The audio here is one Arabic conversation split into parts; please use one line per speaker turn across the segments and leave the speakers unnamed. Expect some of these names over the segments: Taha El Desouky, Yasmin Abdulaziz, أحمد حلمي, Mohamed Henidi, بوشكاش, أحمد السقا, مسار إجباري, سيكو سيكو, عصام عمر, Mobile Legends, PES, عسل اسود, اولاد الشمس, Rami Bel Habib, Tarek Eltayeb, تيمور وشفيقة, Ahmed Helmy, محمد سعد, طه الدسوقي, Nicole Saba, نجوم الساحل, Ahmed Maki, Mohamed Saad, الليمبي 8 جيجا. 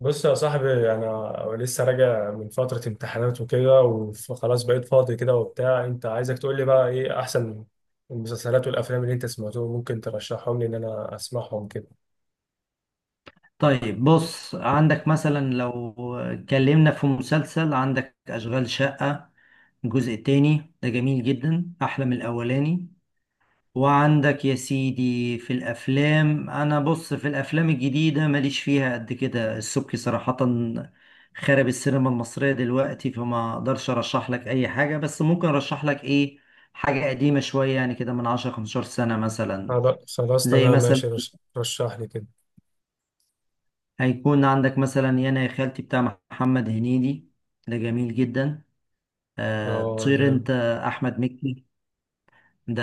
بص يا صاحبي، انا لسه راجع من فتره امتحانات وكده وخلاص بقيت فاضي كده وبتاع. انت عايزك تقول لي بقى ايه احسن المسلسلات والافلام اللي انت سمعتهم ممكن ترشحهم لي ان انا اسمعهم كده.
طيب، بص، عندك مثلا لو اتكلمنا في مسلسل، عندك أشغال شقة، الجزء التاني ده جميل جدا، أحلى من الأولاني. وعندك يا سيدي في الأفلام، أنا بص في الأفلام الجديدة ماليش فيها قد كده. السبكي صراحة خرب السينما المصرية دلوقتي، فما أقدرش أرشح لك أي حاجة، بس ممكن أرشح لك إيه، حاجة قديمة شوية يعني، كده من 10 15 سنة مثلا.
خلاص
زي
تمام ماشي،
مثلا
رشح لي كده.
هيكون عندك مثلا يانا يا خالتي بتاع محمد هنيدي، ده جميل جدا.
اه
طير
جامد.
انت، احمد مكي، ده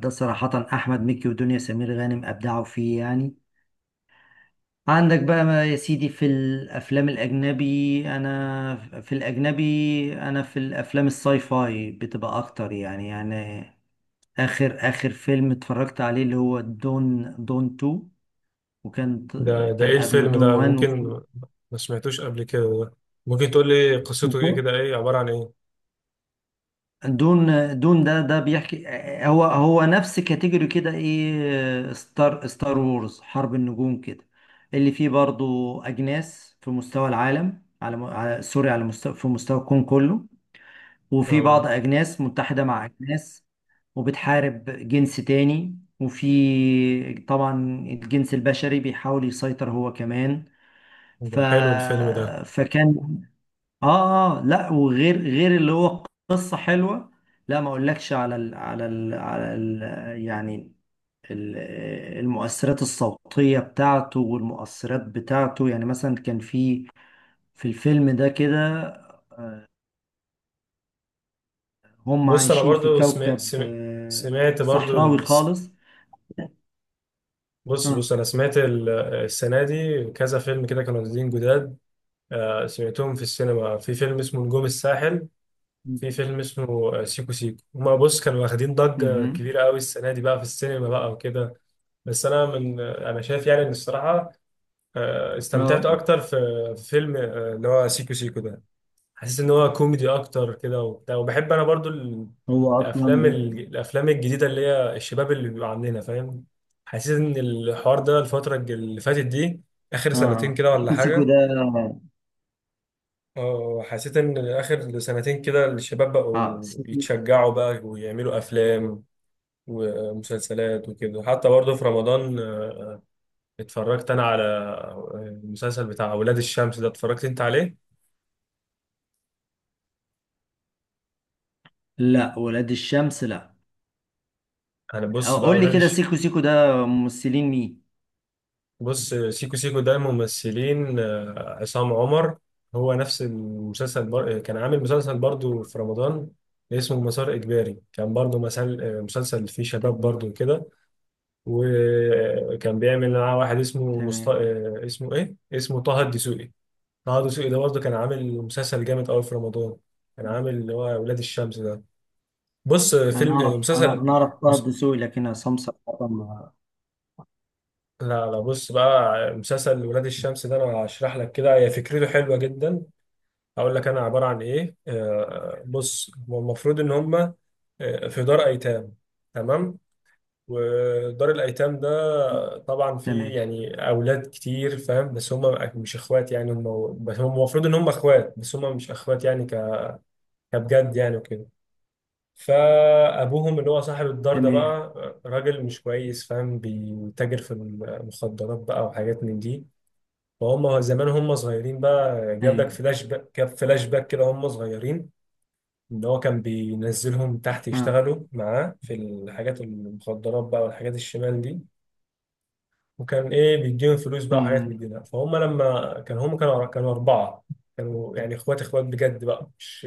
ده صراحة احمد مكي ودنيا سمير غانم ابدعوا فيه يعني. عندك بقى ما يا سيدي في الافلام الاجنبي، انا في الاجنبي، انا في الافلام الساي فاي بتبقى اكتر يعني اخر فيلم اتفرجت عليه اللي هو دون، دون 2، وكان
ده ايه
كان قبله
الفيلم
دون
ده؟ ممكن.
1.
ما سمعتوش قبل كده ده. ممكن تقول لي قصته ايه
و
كده، ايه عباره عن ايه؟
دون دون ده بيحكي. هو نفس كاتيجوري كده، ايه، ستار وورز، حرب النجوم كده، اللي فيه برضو اجناس في مستوى العالم على م- على- سوري على مستوى في مستوى الكون كله، وفي
اه
بعض اجناس متحدة مع اجناس وبتحارب جنس تاني. وفي طبعا الجنس البشري بيحاول يسيطر هو كمان. ف...
ده حلو الفيلم ده.
فكان، اه لا، وغير غير اللي هو قصة حلوة. لا، ما اقولكش على يعني ال- المؤثرات الصوتية بتاعته والمؤثرات بتاعته. يعني مثلا كان في الفيلم ده كده هم
بص انا
عايشين في
برضو سمعت،
كوكب
سمعت برضو.
صحراوي خالص.
بص
اه،
بص انا السنه دي كذا فيلم كده كانوا نازلين جداد. سمعتهم في السينما. في فيلم اسمه نجوم الساحل، في فيلم اسمه سيكو سيكو. هما بص كانوا واخدين ضجه
مهم.
كبيره قوي السنه دي بقى في السينما بقى وكده. بس انا من آه، انا شايف يعني ان الصراحه استمتعت
اه،
اكتر في في فيلم اللي هو سيكو سيكو ده. حاسس ان هو كوميدي اكتر كده وبتاع. وبحب انا برضو
هو اصلا
الافلام الجديده اللي هي الشباب اللي بيبقى عندنا، فاهم. حاسس ان الحوار ده اللي فاتت دي، اخر سنتين
اه،
كده ولا
سيكو سيكو
حاجه.
ده.
اه حسيت ان اخر سنتين كده الشباب
اه
بقوا
سيكو.
يتشجعوا بقى ويعملوا افلام ومسلسلات وكده. حتى برضو في رمضان اتفرجت انا على المسلسل بتاع اولاد الشمس ده، اتفرجت انت عليه؟
لا، ولاد الشمس، لا.
انا بص بقى
قول لي
اولاد
كده،
الشمس.
سيكو سيكو ده ممثلين مين؟
بص سيكو سيكو ده ممثلين عصام عمر. هو نفس المسلسل، كان عامل مسلسل برضو في رمضان اسمه مسار إجباري. كان برضو مسلسل فيه شباب
تمام،
برضو كده. وكان بيعمل معاه واحد اسمه مست...
تمام.
آه، اسمه إيه؟ اسمه طه الدسوقي. طه الدسوقي ده برضو كان عامل مسلسل جامد قوي في رمضان. كان عامل اللي هو ولاد الشمس ده. بص آه،
انا
فيلم آه،
اعرف، انا
مسلسل.
انا اعرف طه
مس-
الدسوقي، لكن عصام صراحة
لا لا بص بقى، مسلسل ولاد الشمس ده انا هشرح لك كده. هي فكرته حلوه جدا. هقول لك انا عباره عن ايه. بص هو المفروض ان هم في دار ايتام، تمام. ودار الايتام ده طبعا فيه
تمام،
يعني اولاد كتير، فاهم. بس هم مش اخوات يعني هم. بس هم المفروض ان هم اخوات بس هم مش اخوات يعني، كبجد يعني وكده. فابوهم اللي هو صاحب الدار ده بقى،
تمام.
راجل مش كويس، فاهم. بيتاجر في المخدرات بقى وحاجات من دي. فهم زمان هم صغيرين بقى.
ايوه.
جاب فلاش باك كده هم صغيرين. ان هو كان بينزلهم تحت
اه.
يشتغلوا معاه في الحاجات المخدرات بقى والحاجات الشمال دي. وكان ايه، بيديهم فلوس بقى وحاجات
أمم،
من دي ده. فهم لما كان هم كانوا اربعه. كانوا يعني اخوات، اخوات بجد بقى.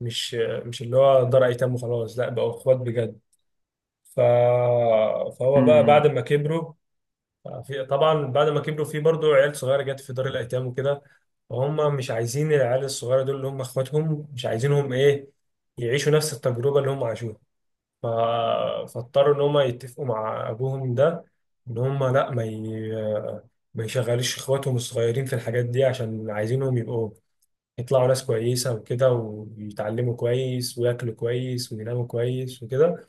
مش مش اللي هو دار ايتام وخلاص، لا، بقوا اخوات بجد. ف... فهو بقى بعد
أمم.
ما كبروا، في طبعا بعد ما كبروا في برضه عيال صغيره جت في دار الايتام وكده. فهم مش عايزين العيال الصغيره دول، اللي هم اخواتهم، مش عايزينهم ايه يعيشوا نفس التجربه اللي هم عاشوها. ف- فاضطروا ان هم يتفقوا مع ابوهم ده ان هم لا ما يشغلوش اخواتهم الصغيرين في الحاجات دي، عشان عايزينهم يبقوا يطلعوا ناس كويسة وكده، ويتعلموا كويس وياكلوا كويس ويناموا كويس وكده.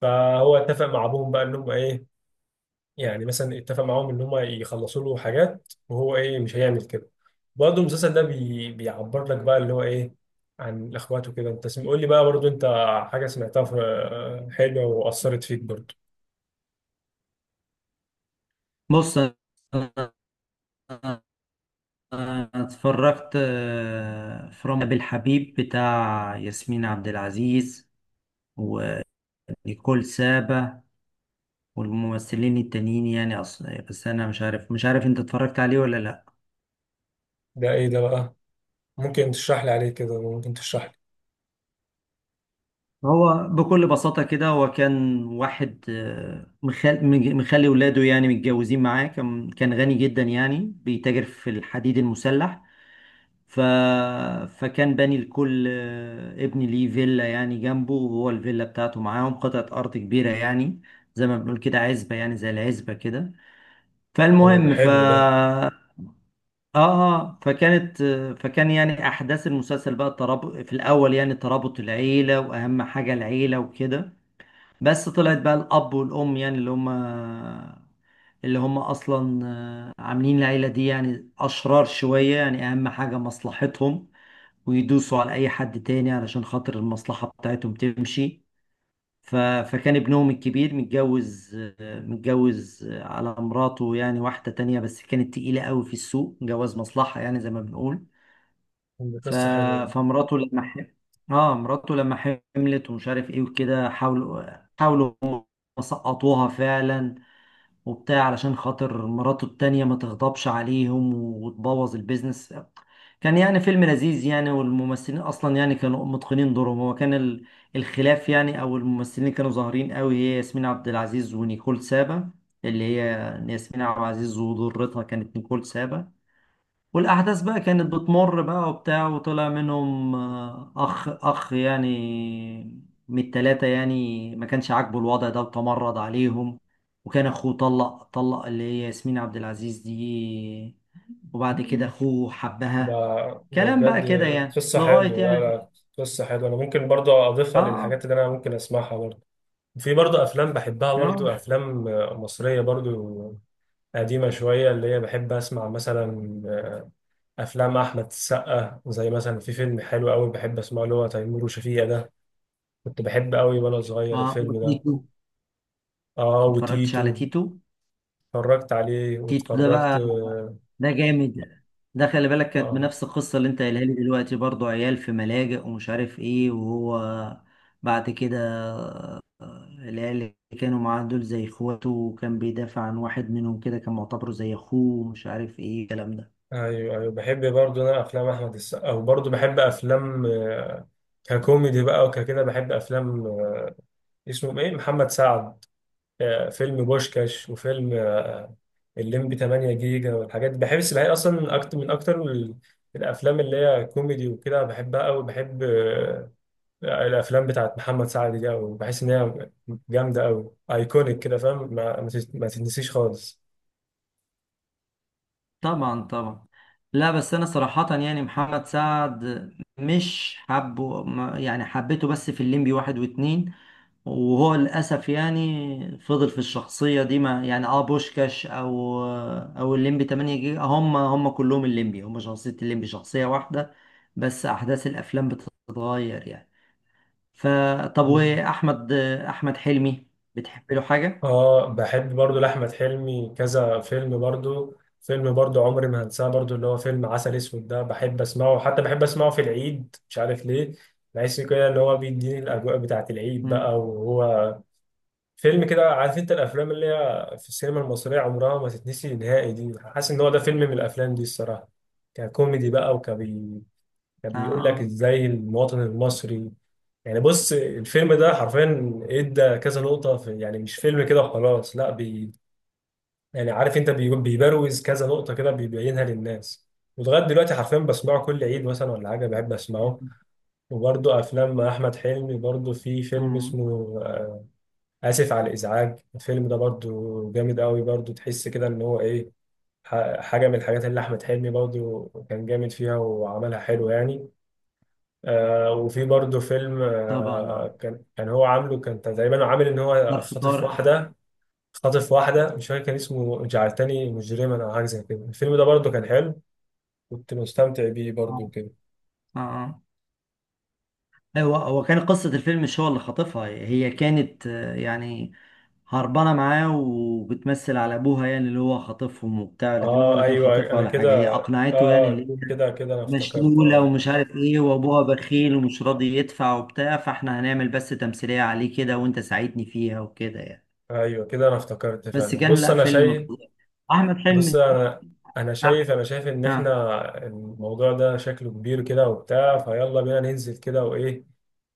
فهو اتفق مع ابوهم بقى انهم ايه، يعني مثلا اتفق معاهم ان هم يخلصوا له حاجات وهو ايه مش هيعمل كده. برضه المسلسل ده بيعبر لك بقى اللي هو ايه عن الاخوات وكده. انت قول لي بقى برضه انت حاجه سمعتها حلوه واثرت فيك برضه.
بص، انا اتفرجت في رامي بالحبيب بتاع ياسمين عبد العزيز ونيكول سابا والممثلين التانيين يعني اصلا، بس انا مش عارف انت اتفرجت عليه ولا لا.
ده ايه ده بقى؟ ممكن تشرح لي عليه كده، ممكن تشرح لي.
هو بكل بساطة كده، هو كان واحد مخلي ولاده يعني متجوزين معاه، كان غني جدا يعني، بيتاجر في الحديد المسلح. ف... فكان باني لكل ابن ليه فيلا يعني جنبه، وهو الفيلا بتاعته معاهم قطعة أرض كبيرة يعني، زي ما بنقول كده عزبة يعني، زي العزبة كده.
اه ده
فالمهم، ف
حلو ده.
اه آه، فكانت آه، فكان يعني احداث المسلسل بقى الترابط في الاول، يعني ترابط العيله، واهم حاجه العيله وكده. بس طلعت بقى الأب والأم يعني، اللي هم اصلا عاملين العيله دي يعني اشرار شويه يعني، اهم حاجه مصلحتهم، ويدوسوا على اي حد تاني علشان خاطر المصلحه بتاعتهم تمشي. فكان ابنهم الكبير متجوز، على مراته، يعني واحده تانية، بس كانت تقيله قوي في السوق، جواز مصلحه يعني زي ما بنقول.
دي
ف...
قصه حلوه دي.
فمراته لما ح... اه مراته لما حملت ومش عارف ايه وكده، حاولوا هم سقطوها فعلا وبتاع، علشان خاطر مراته التانية ما تغضبش عليهم وتبوظ البيزنس. كان يعني فيلم لذيذ يعني، والممثلين اصلا يعني كانوا متقنين دورهم. هو كان الخلاف يعني، او الممثلين اللي كانوا ظاهرين قوي هي ياسمين عبد العزيز ونيكول سابا، اللي هي ياسمين عبد العزيز وضرتها كانت نيكول سابا. والأحداث بقى كانت بتمر بقى وبتاع، وطلع منهم أخ يعني من التلاتة، يعني ما كانش عاجبه الوضع ده وتمرد عليهم. وكان أخوه طلق اللي هي ياسمين عبد العزيز دي، وبعد كده أخوه
ده
حبها.
ده
كلام بقى
بجد
كده يعني
قصه
لغاية
حلوه. لا
يعني،
لا قصه حلوه. انا ممكن برضه اضيفها
آه
للحاجات اللي انا ممكن اسمعها برضه. في برضه افلام بحبها، برضه
آه
افلام مصريه برضه قديمة شوية، اللي هي بحب أسمع مثلا أفلام أحمد السقا. زي مثلا في فيلم حلو أوي بحب أسمعه اللي هو تيمور وشفيقة ده. كنت بحب أوي وأنا صغير
آه،
الفيلم ده.
وتيتو.
آه
ما اتفرجتش على
وتيتو.
تيتو.
اتفرجت عليه
تيتو ده
واتفرجت
بقى،
آه.
ده جامد. ده خلي بالك كانت
آه،
بنفس القصة اللي انت قايلها لي دلوقتي برضو، عيال في ملاجئ ومش عارف ايه، وهو بعد كده، العيال اللي كانوا معاه دول زي اخواته، وكان بيدافع عن واحد منهم كده، كان معتبره زي اخوه، ومش عارف ايه الكلام ده.
أيوه أيوه بحب برضه أنا أفلام أحمد السقا. وبرضه بحب أفلام ككوميدي بقى وككده، بحب أفلام اسمه إيه محمد سعد. فيلم بوشكاش وفيلم الليمبي 8 جيجا والحاجات دي. بحب السباحين اصلا اكتر، من اكتر الافلام اللي هي كوميدي وكده، بحبها قوي. بحب الافلام بتاعت محمد سعد دي قوي، بحس ان هي جامده قوي ايكونيك كده، فاهم. ما تتنسيش خالص.
طبعا، طبعا. لا بس انا صراحة يعني محمد سعد مش حبه، يعني حبيته بس في الليمبي واحد واتنين، وهو للأسف يعني فضل في الشخصية دي. ما يعني، اه، بوشكاش أو الليمبي 8 جيجا، هم كلهم الليمبي، هم شخصية، الليمبي شخصية واحدة، بس أحداث الأفلام بتتغير يعني. فطب،
مم.
وأحمد حلمي بتحب له حاجة؟
اه بحب برضو لاحمد حلمي كذا فيلم برضو. فيلم برضو عمري ما هنساه برضو اللي هو فيلم عسل اسود ده. بحب اسمعه حتى، بحب اسمعه في العيد مش عارف ليه. بحس كده اللي هو بيديني الاجواء بتاعت العيد
مم.
بقى. وهو فيلم كده، عارف انت الافلام اللي هي في السينما المصريه عمرها ما تتنسي نهائي دي، حاسس ان هو ده فيلم من الافلام دي الصراحه. ككوميدي بقى، كبيقول لك
آه.
ازاي المواطن المصري يعني. بص الفيلم ده حرفيا ادى كذا نقطه في يعني، مش فيلم كده وخلاص لا، يعني عارف انت بيبروز كذا نقطه كده، بيبينها للناس. ولغايه دلوقتي حرفيا بسمعه كل عيد مثلا ولا حاجه، بحب اسمعه. وبرضه افلام احمد حلمي برضه في فيلم
مم.
اسمه آه، آسف على الإزعاج. الفيلم ده برضو جامد قوي برضو. تحس كده إن هو إيه، حاجة من الحاجات اللي أحمد حلمي برضو كان جامد فيها وعملها حلو يعني. آه وفي برضو فيلم
طبعا. اه
آه كان هو عامله، كان تقريبا عامل إن هو
ظرف
خاطف
طارق.
واحدة. خاطف واحدة، مش فاكر كان اسمه جعلتني مجرما أو حاجة زي كده. الفيلم ده برضو كان حلو، كنت مستمتع بيه برضو
اه
كده.
اه هو كان قصة الفيلم، مش هو اللي خاطفها، هي كانت يعني هربانة معاه وبتمثل على أبوها، يعني اللي هو خاطفهم وبتاع، لكن هو
آه
لا كان
أيوه
خاطفها
أنا
ولا
كده
حاجة، هي
آه.
أقنعته، يعني اللي هي
كده كده أنا افتكرت
مشلولة
آه.
ومش عارف إيه، وأبوها بخيل ومش راضي يدفع وبتاع، فإحنا هنعمل بس تمثيلية عليه كده، وأنت ساعدني فيها وكده يعني.
ايوه كده انا افتكرت
بس
فعلا.
كان،
بص
لا،
انا
فيلم
شايف
فظيع. أحمد
بص
حلمي.
انا انا
أح-
شايف انا شايف ان احنا
آه.
الموضوع ده شكله كبير كده وبتاع. فيلا بينا ننزل كده وايه،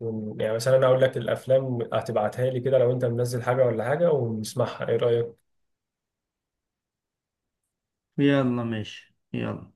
يعني مثلا انا اقول لك الافلام هتبعتها لي كده لو انت منزل حاجه ولا حاجه ونسمعها، ايه رايك؟
يلا، ماشي، يلا.